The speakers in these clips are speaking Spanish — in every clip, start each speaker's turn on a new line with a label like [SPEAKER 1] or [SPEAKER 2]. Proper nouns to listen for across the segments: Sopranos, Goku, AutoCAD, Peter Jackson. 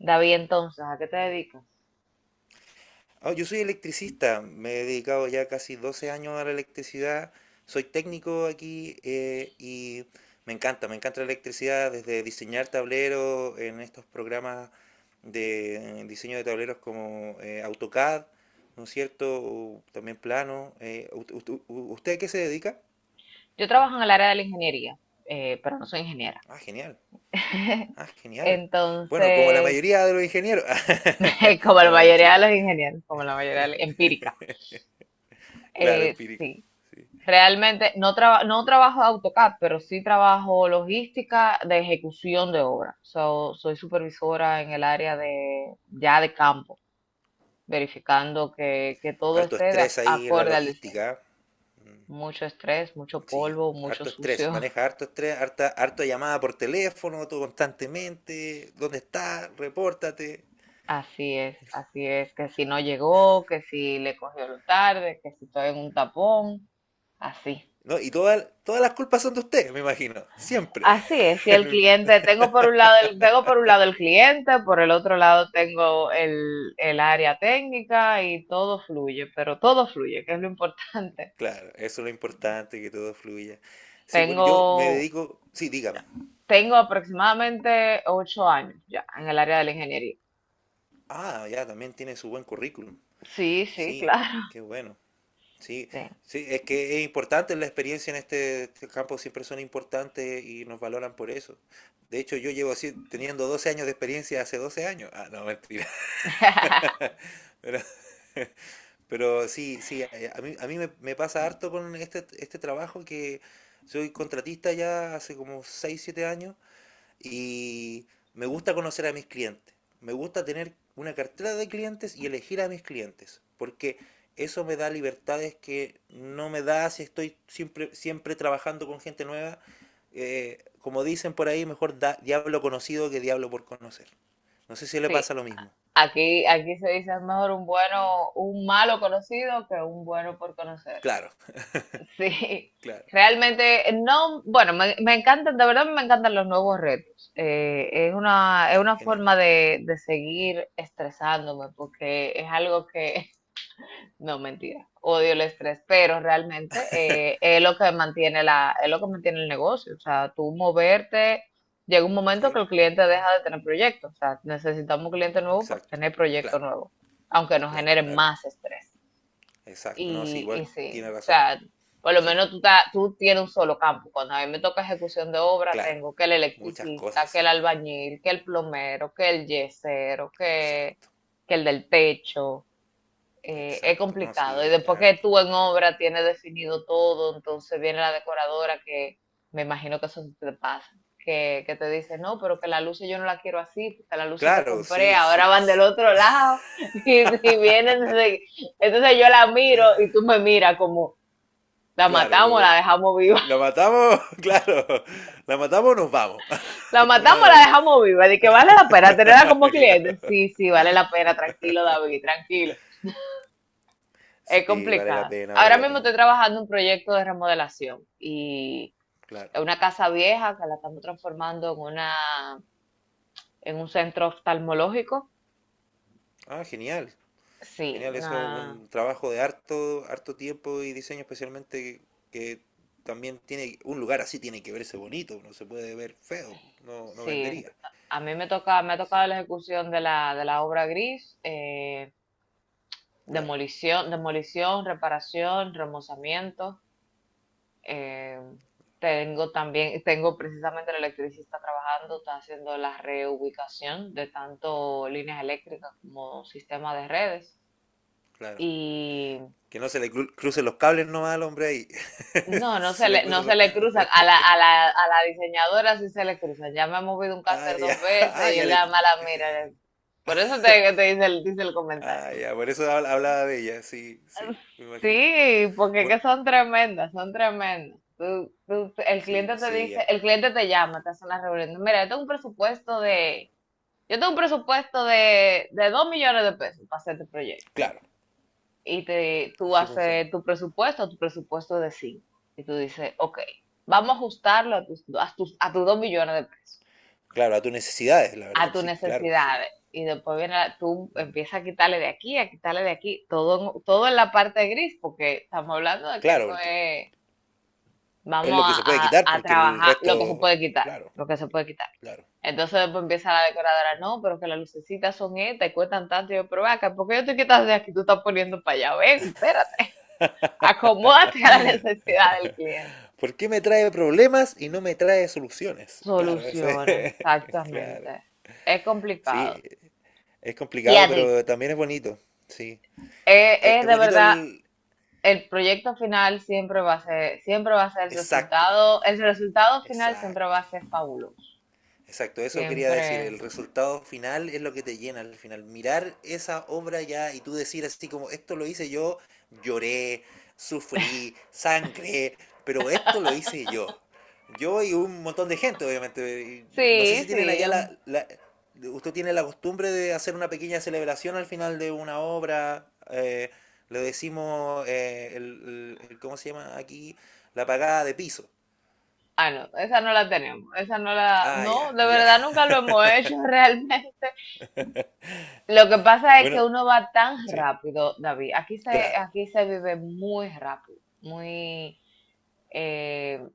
[SPEAKER 1] David, entonces, ¿a qué te dedicas?
[SPEAKER 2] Ah, yo soy electricista, me he dedicado ya casi 12 años a la electricidad, soy técnico aquí y me encanta la electricidad desde diseñar tableros en estos programas de diseño de tableros como AutoCAD, ¿no es cierto? O también plano. ¿usted a qué se dedica?
[SPEAKER 1] Yo trabajo en el área de la ingeniería, pero no soy ingeniera.
[SPEAKER 2] Ah, genial, ah, genial. Bueno, como la
[SPEAKER 1] Entonces,
[SPEAKER 2] mayoría de los ingenieros.
[SPEAKER 1] como la
[SPEAKER 2] No, es un
[SPEAKER 1] mayoría de los
[SPEAKER 2] chiste,
[SPEAKER 1] ingenieros, como la mayoría de los- empírica.
[SPEAKER 2] claro, empírico.
[SPEAKER 1] Sí,
[SPEAKER 2] Sí.
[SPEAKER 1] realmente no, no trabajo AutoCAD, pero sí trabajo logística de ejecución de obra. So, soy supervisora en el área de ya de campo, verificando que todo
[SPEAKER 2] Harto
[SPEAKER 1] esté
[SPEAKER 2] estrés ahí en la
[SPEAKER 1] acorde al diseño.
[SPEAKER 2] logística.
[SPEAKER 1] Mucho estrés, mucho
[SPEAKER 2] Sí,
[SPEAKER 1] polvo, mucho
[SPEAKER 2] harto estrés,
[SPEAKER 1] sucio.
[SPEAKER 2] maneja harto estrés, harta, harta llamada por teléfono, todo constantemente. ¿Dónde está? Repórtate.
[SPEAKER 1] Así es, que si no llegó, que si le cogió lo tarde, que si estoy en un tapón, así.
[SPEAKER 2] ¿No? Y todas las culpas son de usted, me imagino, siempre.
[SPEAKER 1] Así es, y el cliente, tengo por un lado el, tengo por un lado el cliente, por el otro lado tengo el área técnica y todo fluye, pero todo fluye, que es lo importante.
[SPEAKER 2] Claro, eso es lo importante, que todo fluya. Sí, bueno, yo me
[SPEAKER 1] Tengo,
[SPEAKER 2] dedico. Sí, dígame.
[SPEAKER 1] tengo aproximadamente 8 años ya en el área de la ingeniería.
[SPEAKER 2] Ah, ya, también tiene su buen currículum.
[SPEAKER 1] Sí, sí,
[SPEAKER 2] Sí,
[SPEAKER 1] claro.
[SPEAKER 2] qué bueno. Sí,
[SPEAKER 1] Sí.
[SPEAKER 2] sí, es que es importante la experiencia en este campo, siempre son importantes y nos valoran por eso. De hecho, yo llevo así, teniendo 12 años de experiencia hace 12 años. Ah, no, mentira. Pero, pero sí, sí, a mí me pasa harto con este trabajo que soy contratista ya hace como 6 7 años y me gusta conocer a mis clientes. Me gusta tener una cartera de clientes y elegir a mis clientes. Porque eso me da libertades que no me da si estoy siempre trabajando con gente nueva. Como dicen por ahí, mejor da, diablo conocido que diablo por conocer. No sé si le
[SPEAKER 1] Sí.
[SPEAKER 2] pasa lo mismo.
[SPEAKER 1] Aquí se dice es mejor un bueno, un malo conocido que un bueno por conocer.
[SPEAKER 2] Claro,
[SPEAKER 1] Sí,
[SPEAKER 2] claro.
[SPEAKER 1] realmente no, bueno, me encantan, de verdad me encantan los nuevos retos. Es una, es
[SPEAKER 2] Ya,
[SPEAKER 1] una
[SPEAKER 2] genial.
[SPEAKER 1] forma de seguir estresándome porque es algo que no, mentira. Odio el estrés, pero realmente es lo que mantiene es lo que mantiene el negocio. O sea, tú moverte, llega un momento
[SPEAKER 2] Sí,
[SPEAKER 1] que el cliente deja de tener proyectos. O sea, necesitamos un cliente nuevo para
[SPEAKER 2] exacto.
[SPEAKER 1] tener proyectos
[SPEAKER 2] Claro,
[SPEAKER 1] nuevos, aunque nos
[SPEAKER 2] claro,
[SPEAKER 1] genere
[SPEAKER 2] claro.
[SPEAKER 1] más estrés.
[SPEAKER 2] Exacto. No, sí,
[SPEAKER 1] Y
[SPEAKER 2] igual
[SPEAKER 1] sí,
[SPEAKER 2] tiene
[SPEAKER 1] o
[SPEAKER 2] razón.
[SPEAKER 1] sea, por lo
[SPEAKER 2] Sí,
[SPEAKER 1] menos tú, tú tienes un solo campo. Cuando a mí me toca ejecución de obra,
[SPEAKER 2] claro.
[SPEAKER 1] tengo que el
[SPEAKER 2] Muchas
[SPEAKER 1] electricista,
[SPEAKER 2] cosas,
[SPEAKER 1] que el
[SPEAKER 2] sí.
[SPEAKER 1] albañil, que el plomero, que el yesero,
[SPEAKER 2] Exacto.
[SPEAKER 1] que el del techo es
[SPEAKER 2] Exacto, no,
[SPEAKER 1] complicado.
[SPEAKER 2] sí,
[SPEAKER 1] Y
[SPEAKER 2] es
[SPEAKER 1] después que
[SPEAKER 2] harto.
[SPEAKER 1] tú en obra tienes definido todo, entonces viene la decoradora que me imagino que eso te pasa, que te dice, no, pero que las luces yo no la quiero así, porque las luces que
[SPEAKER 2] Claro,
[SPEAKER 1] compré
[SPEAKER 2] sí,
[SPEAKER 1] ahora
[SPEAKER 2] sí,
[SPEAKER 1] van del otro lado y vienen, entonces entonces yo la miro y tú me miras como, la
[SPEAKER 2] claro,
[SPEAKER 1] matamos, la
[SPEAKER 2] como
[SPEAKER 1] dejamos viva,
[SPEAKER 2] la matamos, claro, la matamos o nos vamos,
[SPEAKER 1] la
[SPEAKER 2] una
[SPEAKER 1] matamos,
[SPEAKER 2] de
[SPEAKER 1] la
[SPEAKER 2] dos.
[SPEAKER 1] dejamos viva, de que vale la pena tenerla como cliente.
[SPEAKER 2] Claro,
[SPEAKER 1] Sí, sí, vale la pena, tranquilo David, tranquilo. Es
[SPEAKER 2] sí,
[SPEAKER 1] complicado.
[SPEAKER 2] vale
[SPEAKER 1] Ahora
[SPEAKER 2] la
[SPEAKER 1] mismo estoy
[SPEAKER 2] pena,
[SPEAKER 1] trabajando en un proyecto de remodelación y
[SPEAKER 2] claro.
[SPEAKER 1] es una casa vieja que la estamos transformando en una, en un centro oftalmológico.
[SPEAKER 2] Ah, genial,
[SPEAKER 1] Sí,
[SPEAKER 2] genial, eso es
[SPEAKER 1] una,
[SPEAKER 2] un trabajo de harto, harto tiempo y diseño especialmente que también tiene, un lugar así tiene que verse bonito, no se puede ver feo, no, no
[SPEAKER 1] sí.
[SPEAKER 2] vendería.
[SPEAKER 1] A mí me toca, me ha tocado
[SPEAKER 2] Sí,
[SPEAKER 1] la ejecución de de la obra gris,
[SPEAKER 2] claro,
[SPEAKER 1] demolición, demolición, reparación, remozamiento. Eh, tengo también, tengo precisamente el electricista trabajando, está haciendo la reubicación de tanto líneas eléctricas como sistema de redes.
[SPEAKER 2] claro.
[SPEAKER 1] Y
[SPEAKER 2] Que no se le crucen los cables nomás al hombre ahí.
[SPEAKER 1] no, no se
[SPEAKER 2] Se le
[SPEAKER 1] le, no
[SPEAKER 2] cruzan
[SPEAKER 1] se
[SPEAKER 2] los
[SPEAKER 1] le
[SPEAKER 2] cables.
[SPEAKER 1] cruzan. A la diseñadora sí se le cruzan. Ya me ha movido un
[SPEAKER 2] Ah,
[SPEAKER 1] cánter
[SPEAKER 2] ya.
[SPEAKER 1] dos veces
[SPEAKER 2] Ah,
[SPEAKER 1] y es
[SPEAKER 2] ya le.
[SPEAKER 1] la mala mira. Por eso te dice dice el
[SPEAKER 2] Ah,
[SPEAKER 1] comentario.
[SPEAKER 2] ya. Por eso hablaba de ella. Sí, sí, me imagino.
[SPEAKER 1] Sí, porque es
[SPEAKER 2] Bueno,
[SPEAKER 1] que son tremendas, son tremendas. El
[SPEAKER 2] sí,
[SPEAKER 1] cliente
[SPEAKER 2] pues
[SPEAKER 1] te
[SPEAKER 2] sí.
[SPEAKER 1] dice, el cliente te llama, te hace una reunión. Mira, yo tengo un presupuesto de, 2 millones de pesos para hacer este proyecto.
[SPEAKER 2] Claro,
[SPEAKER 1] Y tú
[SPEAKER 2] así funciona.
[SPEAKER 1] haces tu presupuesto de 5. Y tú dices, ok, vamos a ajustarlo a tus, a tus 2 millones de pesos,
[SPEAKER 2] Claro, a tus necesidades, la verdad.
[SPEAKER 1] a tus
[SPEAKER 2] Sí, claro, sí.
[SPEAKER 1] necesidades. Y después viene, tú
[SPEAKER 2] Mm.
[SPEAKER 1] empiezas a quitarle de aquí, a quitarle de aquí, todo, todo en la parte gris, porque estamos hablando de que
[SPEAKER 2] Claro,
[SPEAKER 1] eso
[SPEAKER 2] porque
[SPEAKER 1] es
[SPEAKER 2] es
[SPEAKER 1] vamos
[SPEAKER 2] lo que
[SPEAKER 1] a,
[SPEAKER 2] se puede
[SPEAKER 1] a-
[SPEAKER 2] quitar,
[SPEAKER 1] a
[SPEAKER 2] porque el
[SPEAKER 1] trabajar lo que se
[SPEAKER 2] resto.
[SPEAKER 1] puede quitar,
[SPEAKER 2] Claro,
[SPEAKER 1] lo que se puede quitar.
[SPEAKER 2] claro.
[SPEAKER 1] Entonces después empieza la decoradora, no, pero que las lucecitas son estas y cuestan tanto. Y yo, pero ve acá, ¿por qué yo te quitas de aquí? Tú estás poniendo para allá. Ven, espérate. Acomódate a la necesidad del cliente.
[SPEAKER 2] ¿Por qué me trae problemas y no me trae soluciones? Claro, eso es.
[SPEAKER 1] Soluciones,
[SPEAKER 2] Claro.
[SPEAKER 1] exactamente. Es complicado.
[SPEAKER 2] Sí, es
[SPEAKER 1] Y
[SPEAKER 2] complicado,
[SPEAKER 1] a ti,
[SPEAKER 2] pero también es bonito. Sí.
[SPEAKER 1] es, es
[SPEAKER 2] Es
[SPEAKER 1] de
[SPEAKER 2] bonito
[SPEAKER 1] verdad,
[SPEAKER 2] el...
[SPEAKER 1] el proyecto final siempre va a ser, siempre va a ser
[SPEAKER 2] Exacto.
[SPEAKER 1] el resultado final siempre va
[SPEAKER 2] Exacto.
[SPEAKER 1] a ser fabuloso.
[SPEAKER 2] Exacto, eso quería decir.
[SPEAKER 1] Siempre.
[SPEAKER 2] El resultado final es lo que te llena al final. Mirar esa obra ya y tú decir así como, esto lo hice yo, lloré, sufrí, sangré, pero esto lo hice yo. Yo y un montón de gente, obviamente. Y no sé
[SPEAKER 1] Sí,
[SPEAKER 2] si tienen
[SPEAKER 1] sí.
[SPEAKER 2] allá usted tiene la costumbre de hacer una pequeña celebración al final de una obra. Le decimos, ¿cómo se llama aquí? La pagada de piso.
[SPEAKER 1] Ah, no, esa no la tenemos, esa no la,
[SPEAKER 2] Ah,
[SPEAKER 1] no,
[SPEAKER 2] ya,
[SPEAKER 1] de
[SPEAKER 2] ya.
[SPEAKER 1] verdad nunca lo hemos hecho realmente. Lo que pasa es que
[SPEAKER 2] Bueno,
[SPEAKER 1] uno va tan
[SPEAKER 2] sí,
[SPEAKER 1] rápido, David. Aquí se,
[SPEAKER 2] claro.
[SPEAKER 1] aquí se vive muy rápido, muy, eh,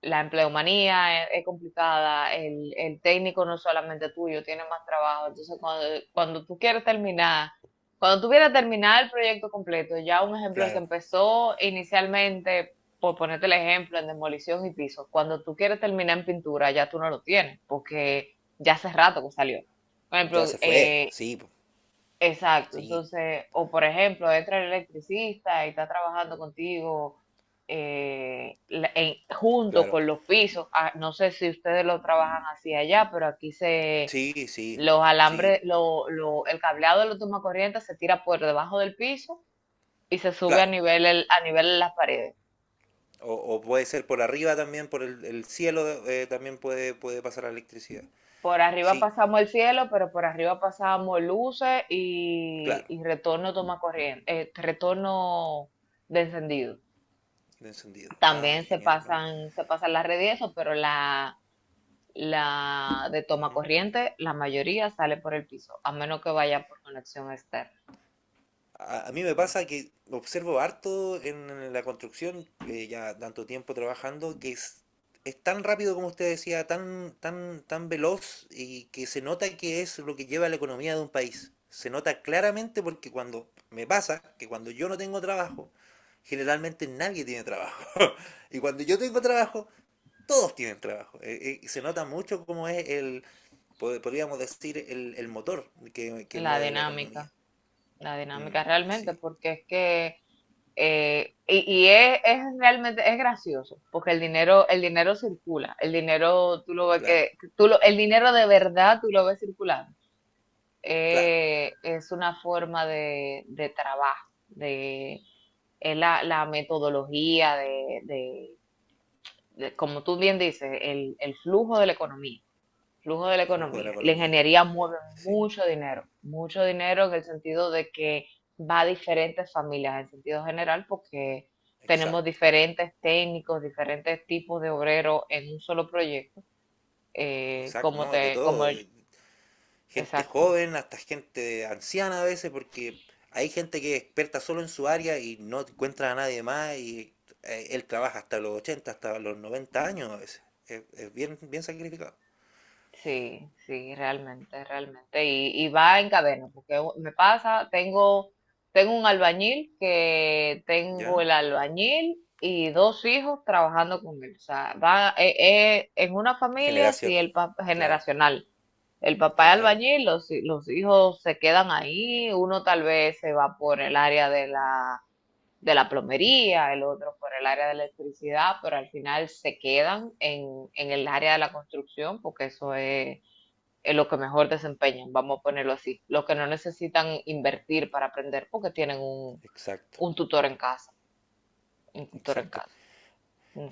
[SPEAKER 1] la empleomanía es complicada, técnico no es solamente tuyo, tiene más trabajo. Entonces, cuando tú quieres terminar, cuando tú quieres terminar el proyecto completo, ya un ejemplo, el que
[SPEAKER 2] Claro,
[SPEAKER 1] empezó inicialmente, por ponerte el ejemplo, en demolición y pisos, cuando tú quieres terminar en pintura, ya tú no lo tienes, porque ya hace rato que salió. Por
[SPEAKER 2] ya
[SPEAKER 1] ejemplo,
[SPEAKER 2] se fue, sí,
[SPEAKER 1] exacto,
[SPEAKER 2] sí,
[SPEAKER 1] entonces, o por ejemplo, entra el electricista y está trabajando contigo junto
[SPEAKER 2] claro.
[SPEAKER 1] con los pisos. Ah, no sé si ustedes lo trabajan así allá, pero aquí se
[SPEAKER 2] Sí, sí,
[SPEAKER 1] los
[SPEAKER 2] sí,
[SPEAKER 1] alambres, el cableado de los tomacorrientes se tira por debajo del piso y se sube a
[SPEAKER 2] claro.
[SPEAKER 1] nivel a nivel de las paredes.
[SPEAKER 2] O puede ser por arriba también, por el cielo, también puede, puede pasar la electricidad.
[SPEAKER 1] Por arriba
[SPEAKER 2] Sí,
[SPEAKER 1] pasamos el cielo, pero por arriba pasamos luces y,
[SPEAKER 2] claro,
[SPEAKER 1] y retorno toma corriente, retorno de encendido.
[SPEAKER 2] de encendido. Ah,
[SPEAKER 1] También
[SPEAKER 2] genial, ¿no?
[SPEAKER 1] se pasan las redes y eso, pero la de toma corriente, la mayoría sale por el piso, a menos que vaya por conexión externa.
[SPEAKER 2] A mí me pasa que observo harto en la construcción, ya tanto tiempo trabajando, que es tan rápido como usted decía, tan, tan, tan veloz y que se nota que es lo que lleva la economía de un país. Se nota claramente porque cuando me pasa que cuando yo no tengo trabajo, generalmente nadie tiene trabajo. Y cuando yo tengo trabajo, todos tienen trabajo. Se nota mucho cómo es el, podríamos decir, el motor que
[SPEAKER 1] La
[SPEAKER 2] mueve la economía.
[SPEAKER 1] dinámica, la dinámica
[SPEAKER 2] Mm,
[SPEAKER 1] realmente,
[SPEAKER 2] sí,
[SPEAKER 1] porque es que, y es realmente, es gracioso, porque el dinero circula, el dinero, tú lo ves
[SPEAKER 2] claro.
[SPEAKER 1] que, el dinero de verdad tú lo ves circulando.
[SPEAKER 2] Claro,
[SPEAKER 1] Es una forma de trabajo, de, es la metodología de, como tú bien dices, el flujo de la economía, flujo de la
[SPEAKER 2] el flujo de la
[SPEAKER 1] economía. Y la
[SPEAKER 2] economía.
[SPEAKER 1] ingeniería mueve
[SPEAKER 2] Sí,
[SPEAKER 1] mucho dinero en el sentido de que va a diferentes familias, en sentido general, porque tenemos
[SPEAKER 2] exacto.
[SPEAKER 1] diferentes técnicos, diferentes tipos de obreros en un solo proyecto, eh,
[SPEAKER 2] Exacto,
[SPEAKER 1] como
[SPEAKER 2] ¿no? De
[SPEAKER 1] te, como,
[SPEAKER 2] todo. Gente
[SPEAKER 1] exacto.
[SPEAKER 2] joven hasta gente anciana a veces, porque hay gente que es experta solo en su área y no encuentra a nadie más y él trabaja hasta los 80, hasta los 90 años a veces. Es bien, bien sacrificado.
[SPEAKER 1] Sí, sí, realmente, realmente. Y va en cadena, porque me pasa, tengo un albañil que tengo
[SPEAKER 2] ¿Ya?
[SPEAKER 1] el albañil y dos hijos trabajando con él. O sea, va en una familia, sí,
[SPEAKER 2] Generación. Claro,
[SPEAKER 1] generacional. El papá es
[SPEAKER 2] claro.
[SPEAKER 1] albañil, los hijos se quedan ahí, uno tal vez se va por el área de la plomería, el otro por el área de electricidad, pero al final se quedan en el área de la construcción porque eso es lo que mejor desempeñan, vamos a ponerlo así. Los que no necesitan invertir para aprender porque tienen un,
[SPEAKER 2] Exacto,
[SPEAKER 1] un tutor en casa, un tutor en
[SPEAKER 2] exacto.
[SPEAKER 1] casa.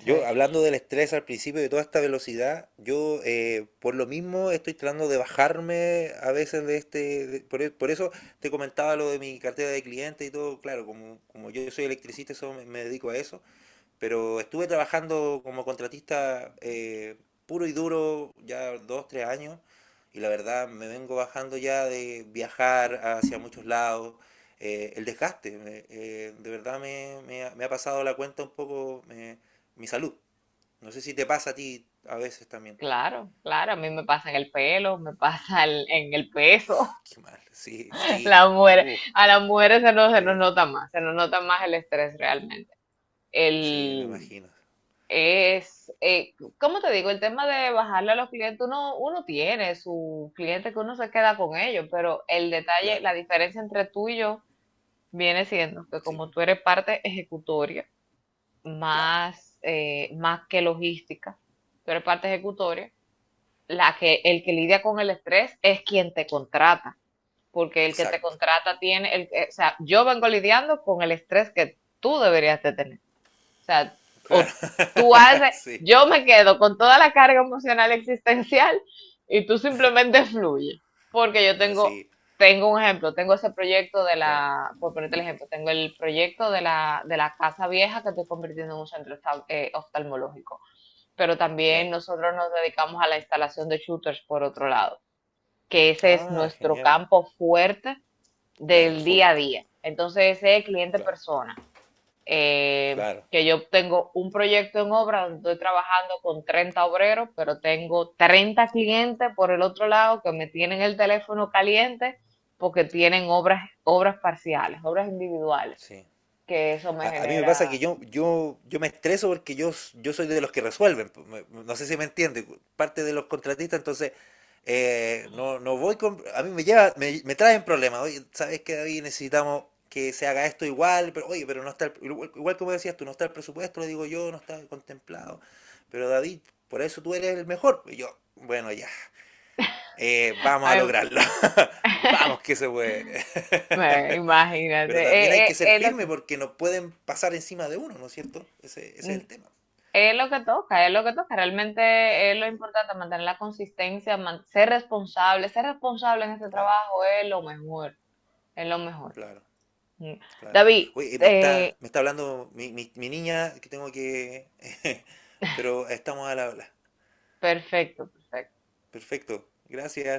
[SPEAKER 2] Yo, hablando del estrés al principio de toda esta velocidad, yo por lo mismo estoy tratando de bajarme a veces de este... de- por, e- por eso te comentaba lo de mi cartera de clientes y todo. Claro, como, como yo soy electricista, eso me dedico a eso. Pero estuve trabajando como contratista puro y duro ya dos, tres años y la verdad me vengo bajando ya de viajar hacia muchos lados. El desgaste, de verdad me ha pasado la cuenta un poco, mi salud. No sé si te pasa a ti a veces también.
[SPEAKER 1] claro, claro, a mí me pasa en el pelo, me pasa en el peso.
[SPEAKER 2] Qué mal, sí, sí,
[SPEAKER 1] La mujer,
[SPEAKER 2] uff,
[SPEAKER 1] a las mujeres se nos
[SPEAKER 2] sí,
[SPEAKER 1] nota más, se nos nota más el estrés realmente.
[SPEAKER 2] sí, me
[SPEAKER 1] El,
[SPEAKER 2] imagino.
[SPEAKER 1] Es, eh, ¿Cómo te digo? El tema de bajarle a los clientes, uno tiene su cliente que uno se queda con ellos, pero el detalle,
[SPEAKER 2] Claro,
[SPEAKER 1] la diferencia entre tú y yo viene siendo que
[SPEAKER 2] sí,
[SPEAKER 1] como tú eres parte ejecutoria,
[SPEAKER 2] claro,
[SPEAKER 1] más, más que logística, tú eres parte ejecutoria, el que
[SPEAKER 2] claro.
[SPEAKER 1] lidia con el estrés es quien te contrata, porque el que te
[SPEAKER 2] Exacto,
[SPEAKER 1] contrata tiene, o sea, yo vengo lidiando con el estrés que tú deberías de tener. O sea,
[SPEAKER 2] claro,
[SPEAKER 1] o tú haces,
[SPEAKER 2] sí,
[SPEAKER 1] yo me quedo con toda la carga emocional existencial y tú simplemente fluye. Porque yo
[SPEAKER 2] ah,
[SPEAKER 1] tengo,
[SPEAKER 2] sí,
[SPEAKER 1] tengo un ejemplo, tengo ese proyecto de
[SPEAKER 2] claro,
[SPEAKER 1] por ponerte el ejemplo, tengo el proyecto de de la casa vieja que estoy convirtiendo en un centro oftalmológico. Pero también
[SPEAKER 2] claro.
[SPEAKER 1] nosotros nos dedicamos a la instalación de shooters por otro lado, que ese es
[SPEAKER 2] Ah,
[SPEAKER 1] nuestro
[SPEAKER 2] genial.
[SPEAKER 1] campo fuerte
[SPEAKER 2] Claro, el
[SPEAKER 1] del
[SPEAKER 2] full.
[SPEAKER 1] día a día. Entonces, ese es cliente
[SPEAKER 2] Claro,
[SPEAKER 1] persona
[SPEAKER 2] claro.
[SPEAKER 1] que yo tengo un proyecto en obra donde estoy trabajando con 30 obreros, pero tengo 30 clientes por el otro lado que me tienen el teléfono caliente porque tienen obras, obras parciales, obras individuales,
[SPEAKER 2] Sí.
[SPEAKER 1] que eso me
[SPEAKER 2] A mí me pasa que
[SPEAKER 1] genera...
[SPEAKER 2] yo me estreso porque yo, yo soy de los que resuelven. No sé si me entiende. Parte de los contratistas, entonces no, no voy con. A mí me lleva, me traen problemas. Oye, ¿sabes qué, David? Necesitamos que se haga esto igual, pero oye, pero no está igual, igual como decías tú, no está el presupuesto, lo digo yo, no está contemplado. Pero David, por eso tú eres el mejor. Y yo, bueno, ya. Vamos a
[SPEAKER 1] Ay,
[SPEAKER 2] lograrlo. Vamos que se puede.
[SPEAKER 1] imagínate,
[SPEAKER 2] Pero también hay que ser firme porque no pueden pasar encima de uno, ¿no es cierto? Ese es el tema.
[SPEAKER 1] es lo que toca, es lo que toca, realmente es lo
[SPEAKER 2] Sí,
[SPEAKER 1] importante, mantener la consistencia, ser responsable en este
[SPEAKER 2] claro,
[SPEAKER 1] trabajo es lo mejor, es lo mejor.
[SPEAKER 2] claro,
[SPEAKER 1] Mm.
[SPEAKER 2] claro.
[SPEAKER 1] David,
[SPEAKER 2] Oye, me está, me está hablando mi niña que tengo que... Pero estamos a la habla.
[SPEAKER 1] perfecto, perfecto.
[SPEAKER 2] Perfecto. Gracias.